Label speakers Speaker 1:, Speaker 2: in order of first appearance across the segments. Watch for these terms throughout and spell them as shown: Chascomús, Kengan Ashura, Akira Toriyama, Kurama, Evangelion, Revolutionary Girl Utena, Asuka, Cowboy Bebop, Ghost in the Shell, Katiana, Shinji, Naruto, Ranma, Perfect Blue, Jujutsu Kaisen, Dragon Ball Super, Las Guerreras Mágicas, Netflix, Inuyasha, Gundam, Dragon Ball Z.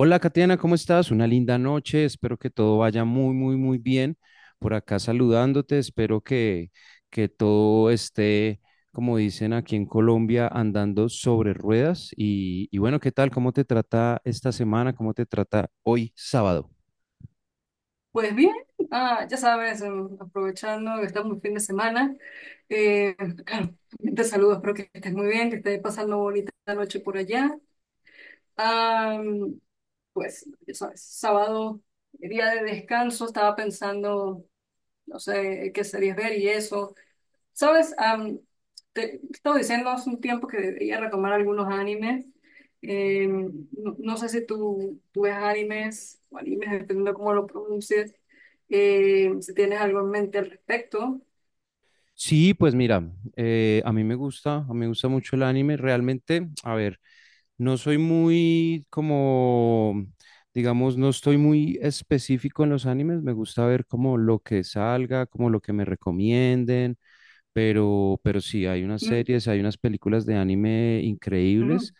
Speaker 1: Hola, Katiana, ¿cómo estás? Una linda noche, espero que todo vaya muy, muy, muy bien. Por acá saludándote, espero que todo esté, como dicen aquí en Colombia, andando sobre ruedas. Y bueno, ¿qué tal? ¿Cómo te trata esta semana? ¿Cómo te trata hoy, sábado?
Speaker 2: Pues bien, aprovechando que estamos en fin de semana, eh, te saludo, espero que estés muy bien, que estés pasando bonita noche por allá. Am, pues, ya sabes, sábado, día de descanso, estaba pensando, no sé, qué series ver y eso. Sabes. Te estaba diciendo hace un tiempo que debería retomar algunos animes. No sé si tú ves animes o animes, dependiendo de cómo lo pronuncies. Si tienes algo en mente al respecto.
Speaker 1: Sí, pues mira, a mí me gusta, a mí me gusta mucho el anime. Realmente, a ver. No soy muy como, digamos, no estoy muy específico en los animes. Me gusta ver como lo que salga, como lo que me recomienden. Pero sí, hay unas
Speaker 2: Mm.
Speaker 1: series, hay unas películas de anime
Speaker 2: Mm.
Speaker 1: increíbles.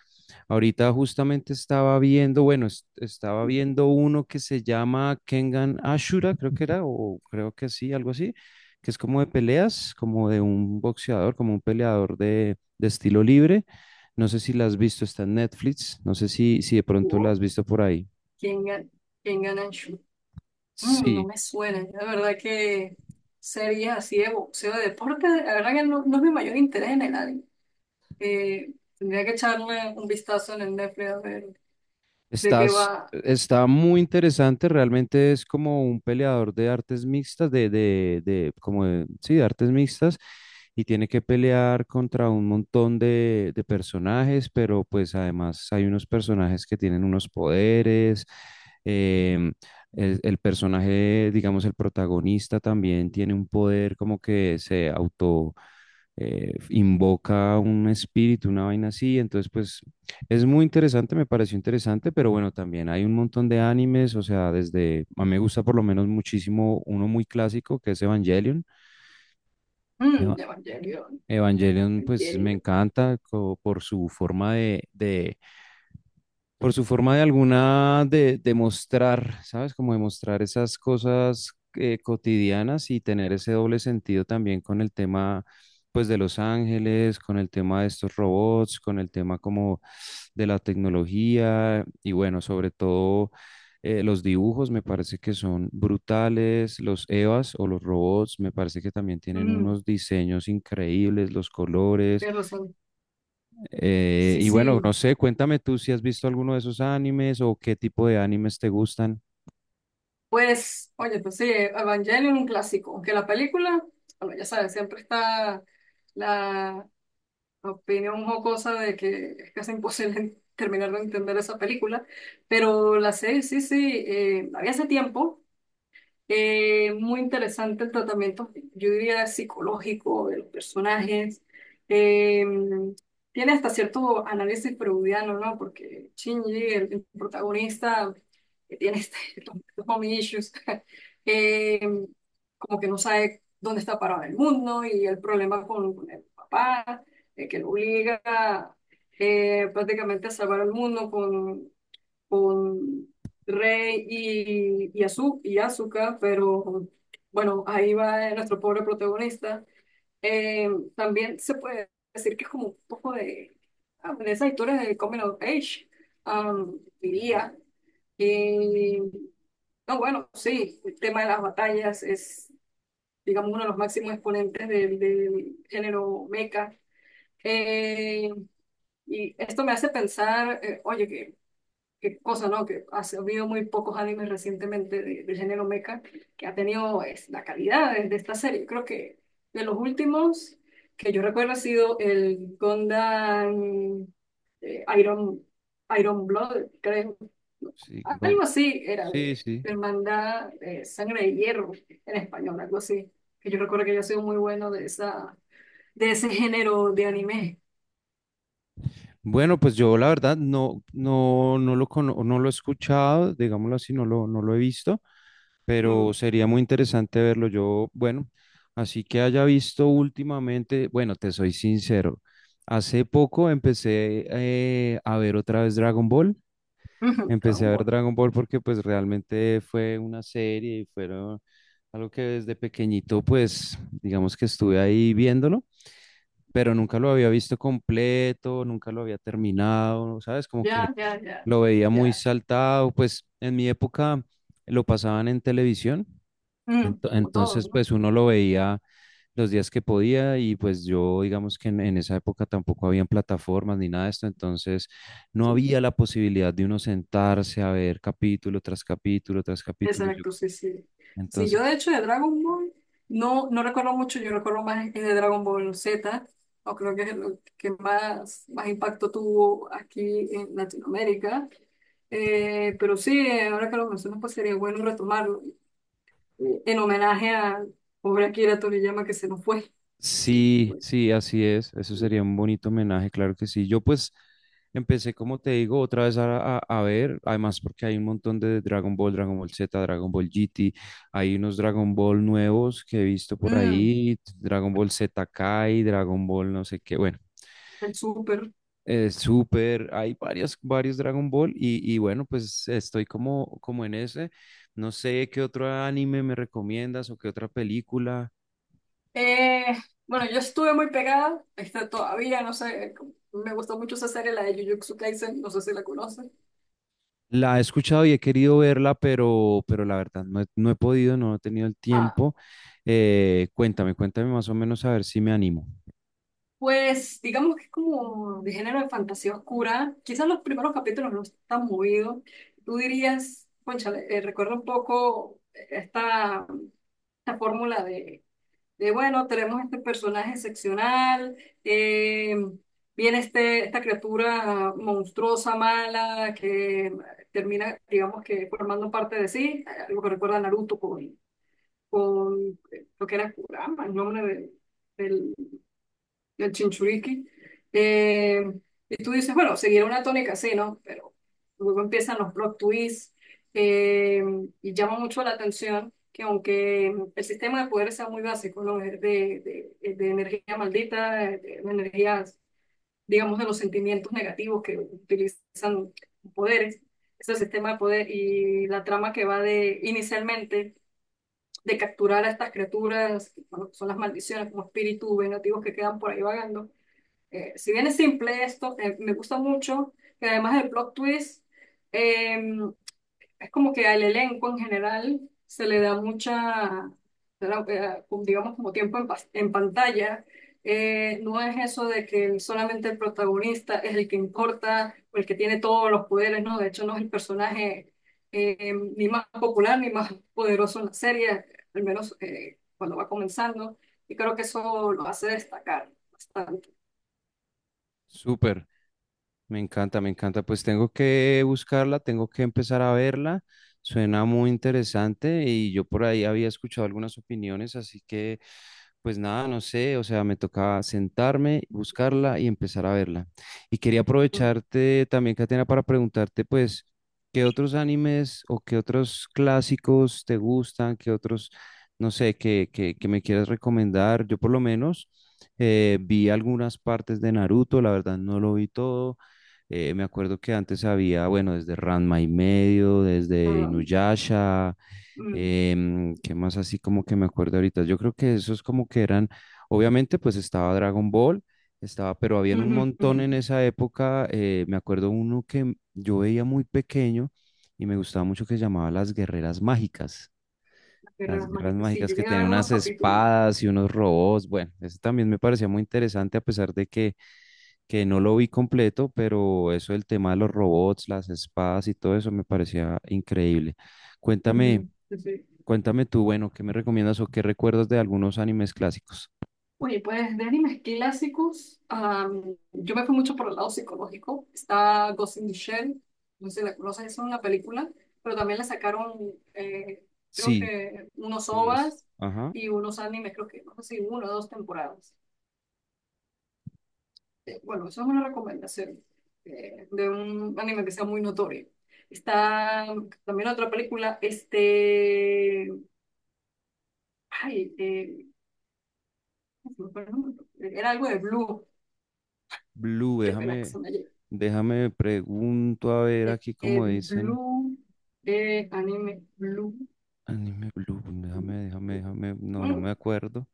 Speaker 1: Ahorita justamente estaba viendo, bueno, estaba viendo uno que se llama Kengan Ashura, creo que era, o creo que sí, algo así, que es como de peleas, como de un boxeador, como un peleador de estilo libre. No sé si la has visto, está en Netflix, no sé si de pronto la
Speaker 2: Wow.
Speaker 1: has visto por ahí.
Speaker 2: ¿Quién gana? ¿Quién gana en shoot? Mm, no
Speaker 1: Sí.
Speaker 2: me suena. La verdad que sería así de boxeo, de deporte. La verdad que no, no es mi mayor interés en el anime. Tendría que echarle un vistazo en el Netflix a ver de qué
Speaker 1: Estás,
Speaker 2: va.
Speaker 1: está muy interesante, realmente es como un peleador de artes mixtas, sí, de artes mixtas, y tiene que pelear contra un montón de personajes, pero pues además hay unos personajes que tienen unos poderes, em, el personaje, digamos, el protagonista también tiene un poder como que invoca un espíritu, una vaina así, entonces pues es muy interesante, me pareció interesante, pero bueno, también hay un montón de animes, o sea, desde, a mí me gusta por lo menos muchísimo uno muy clásico que es Evangelion.
Speaker 2: Mm,
Speaker 1: Eva-
Speaker 2: Evangelio.
Speaker 1: Evangelion, pues me
Speaker 2: Evangelio.
Speaker 1: encanta por su forma de por su forma de alguna de mostrar, ¿sabes? Como demostrar esas cosas cotidianas y tener ese doble sentido también con el tema, pues, de los ángeles, con el tema de estos robots, con el tema como de la tecnología y bueno, sobre todo los dibujos me parece que son brutales, los EVAs o los robots me parece que también tienen
Speaker 2: Mm,
Speaker 1: unos diseños increíbles, los colores,
Speaker 2: tienes razón. Sí,
Speaker 1: y bueno, no
Speaker 2: sí.
Speaker 1: sé, cuéntame tú si has visto alguno de esos animes o qué tipo de animes te gustan.
Speaker 2: Pues, oye, pues sí, Evangelion un clásico. Aunque la película, bueno, ya sabes, siempre está la opinión jocosa de que es casi imposible terminar de entender esa película. Pero la serie, sí, sí, la vi hace tiempo. Muy interesante el tratamiento, yo diría, psicológico de los personajes. Eh, Tiene hasta cierto análisis freudiano, ¿no? Porque Shinji, el protagonista, que tiene este, los mommy issues, eh, como que no sabe dónde está parado el mundo y el problema con el papá, que lo obliga prácticamente a salvar el mundo con Rey y, Asuka, pero bueno, ahí va nuestro pobre protagonista. Eh, También se puede decir que es como un poco de, de esas historias de Coming of Age, diría. Y, no, bueno, sí, el tema de las batallas es, digamos, uno de los máximos exponentes del, del género mecha. Eh, y esto me hace pensar, oye, que qué cosa, ¿no? Que ha habido muy pocos animes recientemente del género mecha que ha tenido es, la calidad de esta serie. Creo que de los últimos que yo recuerdo ha sido el Gundam eh, Iron, Iron Blood, creo.
Speaker 1: Sí, go-
Speaker 2: Algo así era
Speaker 1: sí, sí.
Speaker 2: de Hermandad de Sangre de Hierro en español, algo así. Que yo recuerdo que yo he sido muy bueno de esa, de ese género de anime.
Speaker 1: Bueno, pues yo la verdad no lo no lo he escuchado, digámoslo así, no lo he visto,
Speaker 2: Mm.
Speaker 1: pero sería muy interesante verlo. Yo, bueno, así que haya visto últimamente, bueno, te soy sincero, hace poco empecé a ver otra vez Dragon Ball.
Speaker 2: Ujú,
Speaker 1: Empecé
Speaker 2: Dragon
Speaker 1: a ver
Speaker 2: Ball.
Speaker 1: Dragon Ball porque pues realmente fue una serie y fueron algo que desde pequeñito pues digamos que estuve ahí viéndolo, pero nunca lo había visto completo, nunca lo había terminado, ¿sabes? Como que
Speaker 2: Ya, ya, ya,
Speaker 1: lo veía muy
Speaker 2: ya.
Speaker 1: saltado, pues en mi época lo pasaban en televisión.
Speaker 2: Mm, como todos,
Speaker 1: Entonces,
Speaker 2: ¿no?
Speaker 1: pues uno lo veía los días que podía y pues yo, digamos en esa época tampoco habían plataformas ni nada de esto, entonces no había la posibilidad de uno sentarse a ver capítulo tras capítulo tras capítulo. Yo,
Speaker 2: Exacto, sí, sí. Sí, yo de
Speaker 1: entonces
Speaker 2: hecho de Dragon Ball no, no recuerdo mucho, yo recuerdo más el de Dragon Ball Z, o creo que es lo que más, más impacto tuvo aquí en Latinoamérica. Pero sí, ahora que lo mencionas, pues sería bueno retomarlo en homenaje a pobre Akira Toriyama que se nos fue. Se nos
Speaker 1: sí,
Speaker 2: fue.
Speaker 1: sí, así es. Eso sería un bonito homenaje, claro que sí. Yo pues empecé, como te digo, otra vez a ver, además porque hay un montón de Dragon Ball, Dragon Ball Z, Dragon Ball GT, hay unos Dragon Ball nuevos que he visto por
Speaker 2: Mm,
Speaker 1: ahí, Dragon Ball Z Kai, Dragon Ball no sé qué, bueno,
Speaker 2: el súper.
Speaker 1: Super, hay varios, varios Dragon Ball y bueno, pues estoy como, como en ese. No sé qué otro anime me recomiendas o qué otra película.
Speaker 2: Eh, bueno, yo estuve muy pegada, está todavía, no sé, me gustó mucho esa serie, la de Jujutsu Kaisen, no sé si la conocen.
Speaker 1: La he escuchado y he querido verla, pero la verdad no he podido, no he tenido el
Speaker 2: Ah,
Speaker 1: tiempo. Cuéntame, cuéntame más o menos a ver si me animo.
Speaker 2: pues digamos que es como de género de fantasía oscura. Quizás los primeros capítulos no están movidos. Tú dirías, cónchale, recuerda un poco esta, esta fórmula de bueno, tenemos este personaje excepcional, eh, viene este, esta criatura monstruosa, mala, que termina, digamos que formando parte de sí, algo que recuerda a Naruto con lo que era Kurama, el nombre de- del, el chinchuriki. Eh, y tú dices, bueno, seguirá una tónica así, ¿no? Pero luego empiezan los plot twists eh, y llama mucho la atención que aunque el sistema de poderes sea muy básico, ¿no? Es de energía maldita, de energías, digamos, de los sentimientos negativos que utilizan poderes, es el sistema de poder y la trama que va de inicialmente de capturar a estas criaturas, bueno, son las maldiciones como espíritus vengativos que quedan por ahí vagando, si bien es simple esto, me gusta mucho que además del plot twist, eh, es como que al elenco en general se le da mucha, se le da, como digamos, como tiempo en, en pantalla. No es eso de que solamente el protagonista es el que importa o el que tiene todos los poderes, ¿no? De hecho, no es el personaje ni más popular ni más poderoso en la serie, al menos cuando va comenzando. Y creo que eso lo hace destacar bastante.
Speaker 1: Súper. Me encanta, me encanta. Pues tengo que buscarla, tengo que empezar a verla. Suena muy interesante y yo por ahí había escuchado algunas opiniones, así que pues nada, no sé, o sea, me tocaba sentarme, buscarla y empezar a verla. Y quería aprovecharte también, Catena, para preguntarte pues qué otros animes o qué otros clásicos te gustan, qué otros, no sé, que me quieras recomendar. Yo por lo menos vi algunas partes de Naruto, la verdad no lo vi todo. Me acuerdo que antes había, bueno, desde Ranma y medio, desde
Speaker 2: Ah.
Speaker 1: Inuyasha.
Speaker 2: Mm.
Speaker 1: Em, ¿qué más así como que me acuerdo ahorita? Yo creo que esos como que eran, obviamente pues estaba Dragon Ball, estaba, pero habían un
Speaker 2: Ujú, ujú.
Speaker 1: montón en esa época, me acuerdo uno que yo veía muy pequeño y me gustaba mucho que se llamaba Las Guerreras Mágicas.
Speaker 2: La Guerra de
Speaker 1: Las
Speaker 2: las
Speaker 1: guerras
Speaker 2: Magitas. Sí,
Speaker 1: mágicas
Speaker 2: yo
Speaker 1: que
Speaker 2: llegué a
Speaker 1: tenían
Speaker 2: ver unos
Speaker 1: unas
Speaker 2: capítulos.
Speaker 1: espadas y unos robots. Bueno, eso también me parecía muy interesante a pesar de que no lo vi completo, pero eso, el tema de los robots, las espadas y todo eso me parecía increíble. Cuéntame,
Speaker 2: Ujú, sí, sí.
Speaker 1: cuéntame tú, bueno, ¿qué me recomiendas o qué recuerdas de algunos animes clásicos?
Speaker 2: Oye, pues de animes clásicos, yo me fui mucho por el lado psicológico. Está Ghost in the Shell, no sé si la conoces, es una película, pero también le sacaron, creo
Speaker 1: Sí,
Speaker 2: que unos
Speaker 1: unos,
Speaker 2: OVAs
Speaker 1: ajá.
Speaker 2: y unos animes, creo que, no sé si uno o dos temporadas. Bueno, eso es una recomendación de un anime que sea muy notorio. Está también otra película, este, ay, era algo de Blue.
Speaker 1: Blue,
Speaker 2: Qué pena que se me haya-
Speaker 1: déjame pregunto a ver aquí cómo dicen.
Speaker 2: Blue, anime, Blue.
Speaker 1: Anime Blue, déjame. No me
Speaker 2: Mm,
Speaker 1: acuerdo,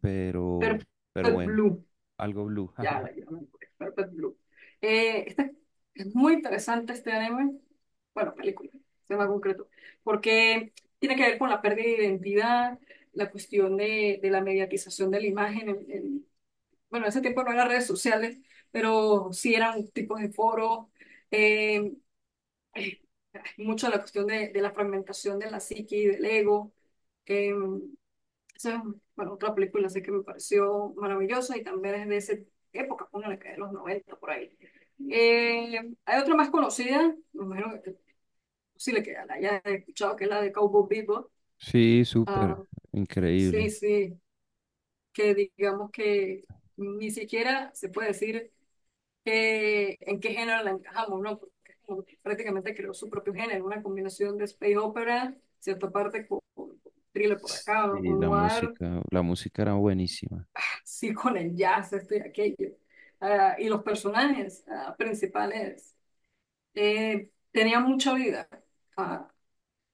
Speaker 1: pero, pero
Speaker 2: Perfect
Speaker 1: bueno,
Speaker 2: Blue.
Speaker 1: algo Blue.
Speaker 2: Ya, la ya me acuerdo, Perfect Blue. Eh, este- es muy interesante este anime, bueno, película, se llama concreto, porque tiene que ver con la pérdida de identidad, la cuestión de la mediatización de la imagen en bueno, ese tiempo no eran redes sociales, pero sí eran tipos de foros, eh, eh, mucho la cuestión de la fragmentación de la psique y del ego. eh, Esa es, bueno, otra película así que me pareció maravillosa y también es de esa época, póngale que de los 90 por ahí. Eh, Hay otra más conocida, me imagino que es posible que la hayas escuchado, que es la de Cowboy Bebop.
Speaker 1: Sí,
Speaker 2: Ah,
Speaker 1: súper,
Speaker 2: sí,
Speaker 1: increíble.
Speaker 2: sí, que digamos que ni siquiera se puede decir que- en qué género la encajamos, ¿no? Porque prácticamente creó su propio género, una combinación de space opera, cierta parte con thriller por acá, o
Speaker 1: Sí,
Speaker 2: noir,
Speaker 1: la música era buenísima.
Speaker 2: sí con el jazz, esto y aquello. Ah, y los personajes principales tenían mucha vida. Ah,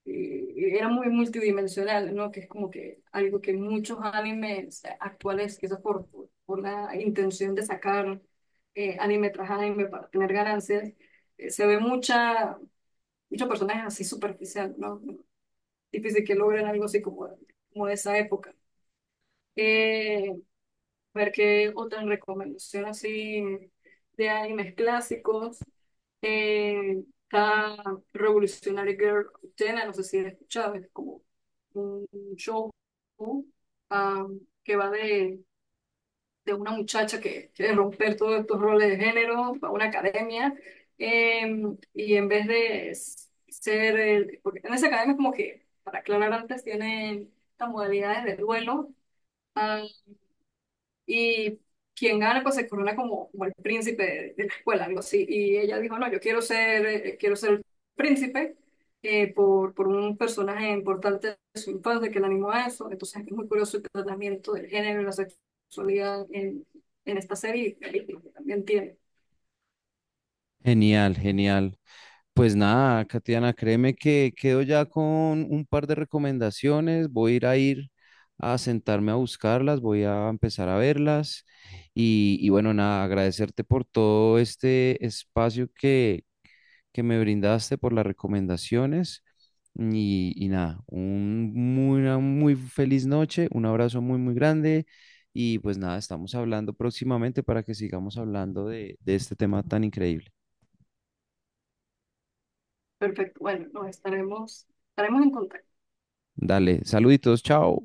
Speaker 2: Era muy multidimensional, ¿no? Que es como que algo que muchos animes actuales, quizás por la intención de sacar anime tras anime para tener ganancias, se ve mucha, muchos personajes así superficial, ¿no? Difícil que logren algo así como, como de esa época. Eh, Ver qué otra recomendación así de animes clásicos. Está Revolutionary Girl Utena, no sé si la has escuchado, es como un show ah, que va de una muchacha que quiere romper todos estos roles de género, va a una academia, eh, y en vez ser, porque en esa academia es como que, para aclarar antes, tienen estas modalidades de duelo, ah, y quien gana, pues se corona como, como el príncipe de la escuela, algo así. Y ella dijo, no, yo quiero ser el príncipe por un personaje importante de su infancia que le animó a eso. Entonces es muy curioso el tratamiento del género y la sexualidad en esta serie y película que también tiene.
Speaker 1: Genial, genial. Pues nada, Katiana, créeme que quedo ya con un par de recomendaciones. Voy a ir a ir a sentarme a buscarlas, voy a empezar a verlas. Y bueno, nada, agradecerte por todo este espacio que me brindaste, por las recomendaciones. Y nada, una muy feliz noche, un abrazo muy, muy grande. Y pues nada, estamos hablando próximamente para que sigamos hablando de este tema tan increíble.
Speaker 2: Perfecto, bueno, nos estaremos, estaremos en contacto.
Speaker 1: Dale, saluditos, chao.